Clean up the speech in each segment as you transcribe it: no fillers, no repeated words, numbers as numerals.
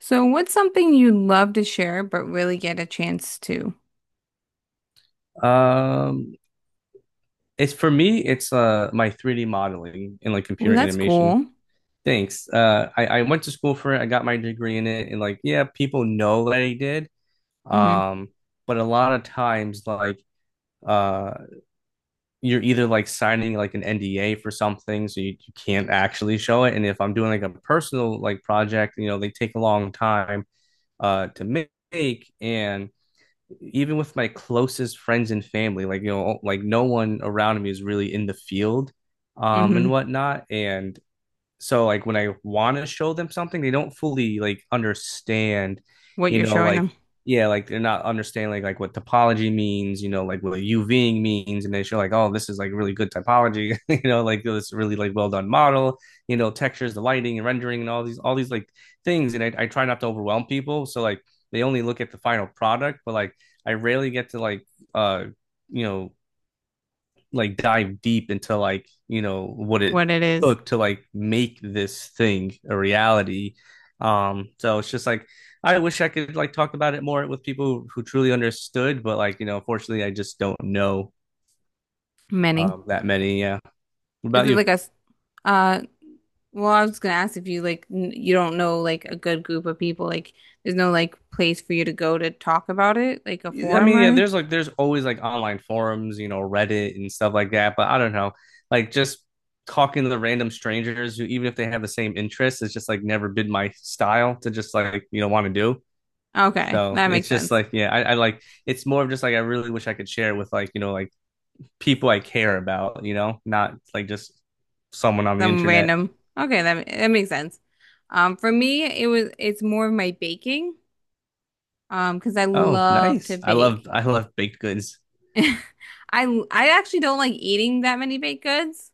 So, what's something you'd love to share but really get a chance to? Um, it's for me, it's my 3D modeling and like Well, computer that's animation. cool. Thanks. I went to school for it. I got my degree in it, and like, yeah, people know that I did. Mhm. Um, but a lot of times, like, uh, you're either like signing like an NDA for something, so you can't actually show it. And if I'm doing like a personal like project, you know, they take a long time to make, and even with my closest friends and family, like you know, like no one around me is really in the field, and Mhm. whatnot. And so like when I want to show them something, they don't fully like understand, What you you're know, showing like them, yeah, like they're not understanding like what topology means, you know, like what UVing means, and they show like oh this is like really good typology, you know, like "Oh, this really like well done model, you know, textures, the lighting and rendering and all these like things, and I try not to overwhelm people, so like they only look at the final product, but like I rarely get to like uh you know like dive deep into like you know what it what it is. took to like make this thing a reality so it's just like I wish I could like talk about it more with people who truly understood but like you know unfortunately I just don't know Many. That many. Yeah. What Is about it you? like a s- uh well, I was gonna ask if you like n you don't know like a good group of people, like there's no like place for you to go to talk about it, like a Yeah, I forum mean or yeah anything? there's like there's always like online forums you know Reddit and stuff like that but I don't know like just talking to the random strangers who even if they have the same interests it's just like never been my style to just like you know want to do. Okay, So that makes it's just sense. like, yeah, I like it's more of just like I really wish I could share with like, you know, like people I care about, you know, not like just someone on the Some internet. random. Okay, that makes sense. For me, it's more of my baking, because I Oh, love to nice. I love bake. I love baked goods. I actually don't like eating that many baked goods.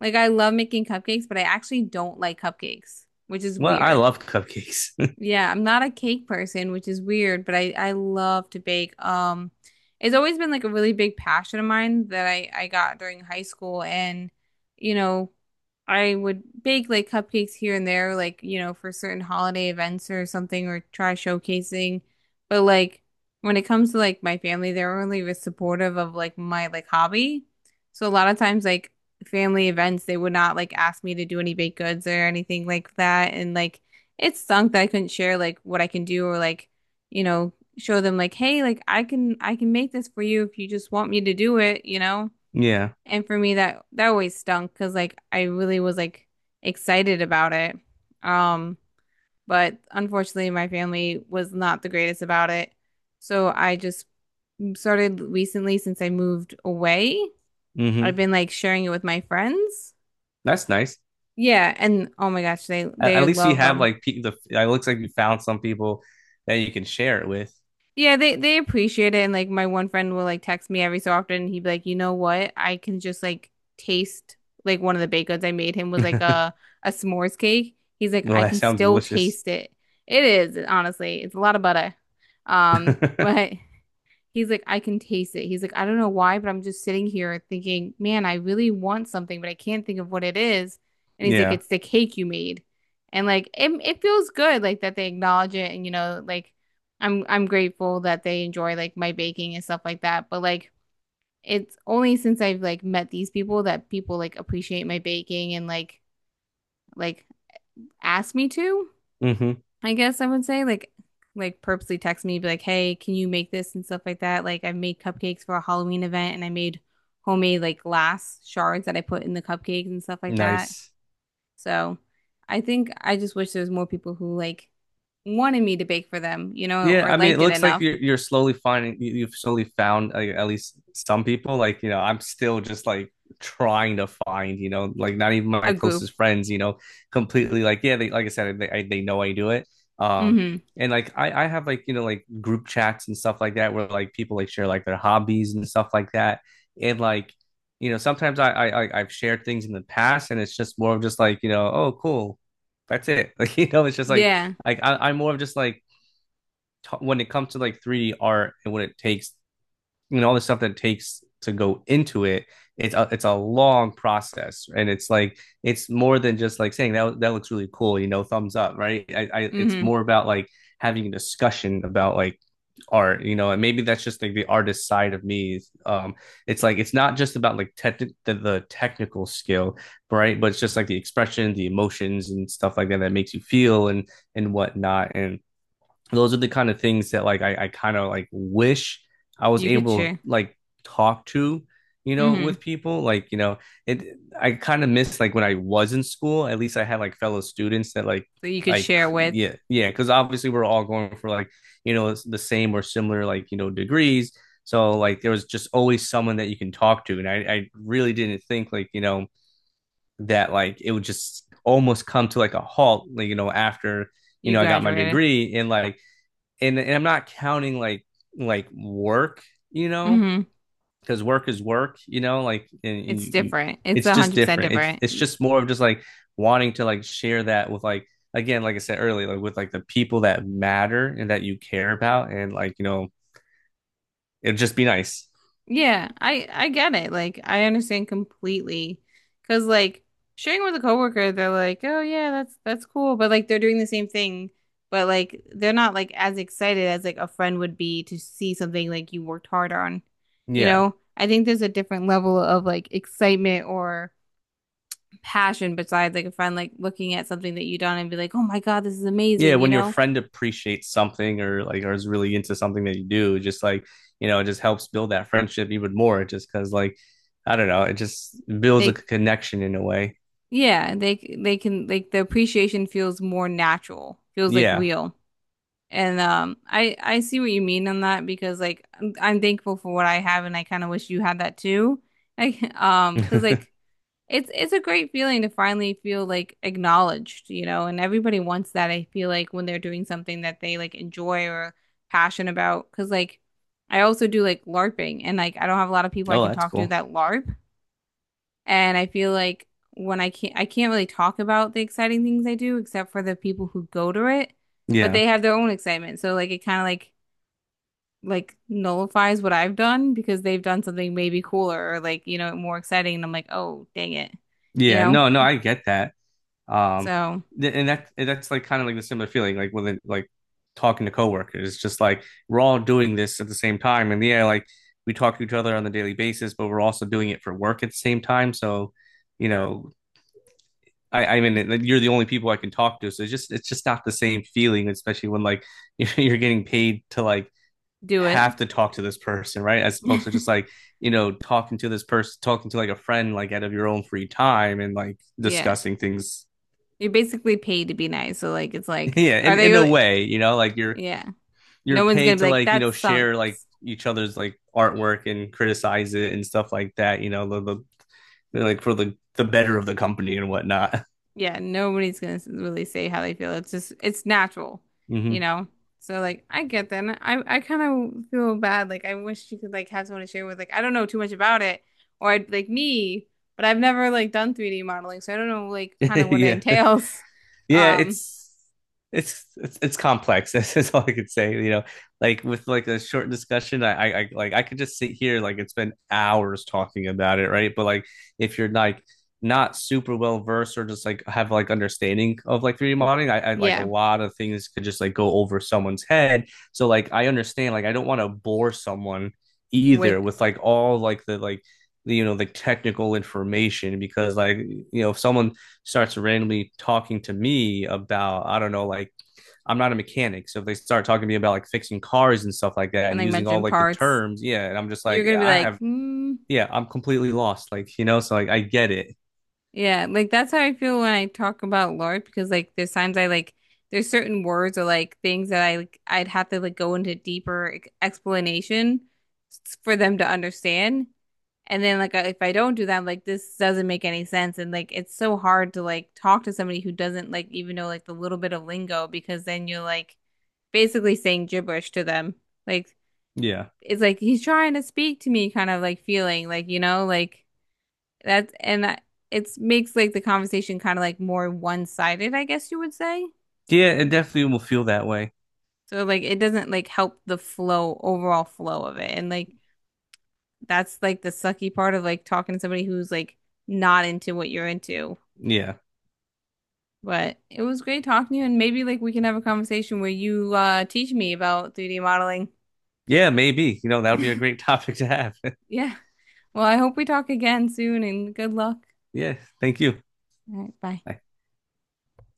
Like I love making cupcakes, but I actually don't like cupcakes, which is Well, I weird. love cupcakes. Yeah, I'm not a cake person, which is weird, but I love to bake. It's always been like a really big passion of mine that I got during high school, and you know, I would bake like cupcakes here and there, like you know, for certain holiday events or something, or try showcasing. But like when it comes to like my family, they're really supportive of like my like hobby. So a lot of times, like family events, they would not like ask me to do any baked goods or anything like that, and like it stunk that I couldn't share like what I can do or like, you know, show them like, hey, like I can make this for you if you just want me to do it, you know? Yeah. And for me that always stunk because like I really was like excited about it. Um, but unfortunately my family was not the greatest about it. So I just started recently since I moved away. I've Mm-hmm. been like sharing it with my friends. That's nice. Yeah, and oh my gosh, they At they least you love have them. like the it looks like you found some people that you can share it with. Yeah, they appreciate it and like my one friend will like text me every so often and he'd be like, "You know what? I can just like taste like one of the baked goods I made him was like Well, a s'mores cake." He's like, "I that can sounds still delicious. taste it." It is, honestly. It's a lot of butter. But he's like, I can taste it. He's like, I don't know why, but I'm just sitting here thinking, man, I really want something, but I can't think of what it is. And he's like, Yeah. it's the cake you made. And like it feels good like that they acknowledge it and you know, like I'm grateful that they enjoy like my baking and stuff like that. But like it's only since I've like met these people that people like appreciate my baking and like ask me to. Mm-hmm. I guess I would say like purposely text me be like, "Hey, can you make this and stuff like that?" Like I made cupcakes for a Halloween event and I made homemade like glass shards that I put in the cupcakes and stuff like that. Nice. So, I think I just wish there was more people who like wanted me to bake for them, you know, Yeah, or I mean, it liked it looks like enough. you're slowly finding you've slowly found like, at least some people. Like, you know, I'm still just like trying to find, you know, like not even A my group. closest friends, you know, completely like yeah, they like I said, they know I do it. Um, Mm-hmm. and like I have like you know like group chats and stuff like that where like people like share like their hobbies and stuff like that. And like you know, sometimes I've shared things in the past, and it's just more of just like you know, oh cool, that's it. Like you know, it's just Yeah. like I'm more of just like when it comes to like 3D art and what it takes, you know, all the stuff that it takes to go into it, it's a long process, and it's like it's more than just like saying that that looks really cool, you know, thumbs up, right? I it's Mm-hmm. more about like having a discussion about like art you know and maybe that's just like the artist side of me it's like it's not just about like tech the technical skill right but it's just like the expression the emotions and stuff like that that makes you feel and whatnot and those are the kind of things that like I kind of like wish I was You could able to share. like talk to, you know, Mm-hmm. with people. Like, you know, it I kind of miss like when I was in school, at least I had like fellow students that So you could like share with yeah, yeah, because obviously we're all going for like, you know, the same or similar like, you know, degrees. So like there was just always someone that you can talk to. And I really didn't think like, you know, that like it would just almost come to like a halt, like, you know, after, you you know, I got my graduated. degree and like and I'm not counting like work, you know, Mm-hmm. because work is work, you know, like and It's different. It's it's a just hundred percent different. Different. It's just more of just like wanting to like share that with like again, like I said earlier, like with like the people that matter and that you care about, and like you know, it'd just be nice. Yeah, I get it. Like I understand completely. 'Cause like sharing with a coworker, they're like, "Oh yeah, that's cool." But like they're doing the same thing, but like they're not like as excited as like a friend would be to see something like you worked hard on. You Yeah, know? I think there's a different level of like excitement or passion besides like a friend like looking at something that you done and be like, "Oh my God, this is yeah. amazing," you When your know? friend appreciates something or like or is really into something that you do, just like you know, it just helps build that friendship even more. Just because like I don't know, it just builds a Like connection in a way. yeah, they can like the appreciation feels more natural, feels like Yeah, real. And I see what you mean on that because like I'm thankful for what I have, and I kind of wish you had that too. Like because oh, like it's a great feeling to finally feel like acknowledged, you know. And everybody wants that. I feel like when they're doing something that they like enjoy or passionate about, because like I also do like LARPing, and like I don't have a lot of people I can that's talk to cool. that LARP. And I feel like when I can't really talk about the exciting things I do except for the people who go to it, but Yeah. they have their own excitement. So like it kind of like nullifies what I've done because they've done something maybe cooler or like, you know, more exciting. And I'm like, oh, dang it, you Yeah. know? No, no, I get that. Um, So and that and that's like kind of like the similar feeling, like with like talking to coworkers. It's just like we're all doing this at the same time, and yeah, like we talk to each other on a daily basis, but we're also doing it for work at the same time. So, you know, I mean, like, you're the only people I can talk to, so it's just not the same feeling, especially when like you're getting paid to like do it. have to talk to this person, right? As opposed to just like, you know, talking to this person, talking to like a friend, like out of your own free time and like Yeah. discussing things. You're basically paid to be nice. So like it's like Yeah, are in, they in a really way, you know, like you're yeah. you're No one's gonna paid be to like, like, you that know, share like sucks. each other's like artwork and criticize it and stuff like that, you know, the like for the better of the company and whatnot. Yeah, nobody's gonna really say how they feel. It's just it's natural, you Mm-hmm. know? So like I get that. And I kind of feel bad. Like I wish you could like have someone to share with. Like I don't know too much about it or I'd like me, but I've never like done 3D modeling, so I don't know like kind of what it Yeah. entails. Yeah, Um it's it's complex. This is all I could say. You know, like with like a short discussion, I like I could just sit here like and spend hours talking about it, right? But like if you're like not super well versed or just like have like understanding of like 3D modeling, I like a yeah, lot of things could just like go over someone's head. So like I understand, like I don't want to bore someone with either with like all like the, you know the technical information because like you know if someone starts randomly talking to me about I don't know like I'm not a mechanic, so if they start talking to me about like fixing cars and stuff like that and and like using all mentioned like the parts. terms, yeah, and I'm just You're like gonna be I like, have hmm. yeah, I'm completely lost, like you know, so like I get it, Yeah, like that's how I feel when I talk about Lord because like there's times I like there's certain words or like things that I like I'd have to like go into deeper explanation for them to understand. And then like if I don't do that, I'm like this doesn't make any sense and like it's so hard to like talk to somebody who doesn't like even know like the little bit of lingo because then you're like basically saying gibberish to them. Like yeah, it's like he's trying to speak to me kind of like feeling like you know like that's and it's makes like the conversation kind of like more one-sided, I guess you would say. yeah, it definitely will feel that way, So like it doesn't like help the flow, overall flow of it. And like that's like the sucky part of like talking to somebody who's like not into what you're into. yeah, But it was great talking to you and maybe like we can have a conversation where you teach me about 3D modeling. yeah, maybe you know that would be a great topic to have, Yeah. Well, I hope we talk again soon and good luck. yeah, thank you. All right, bye.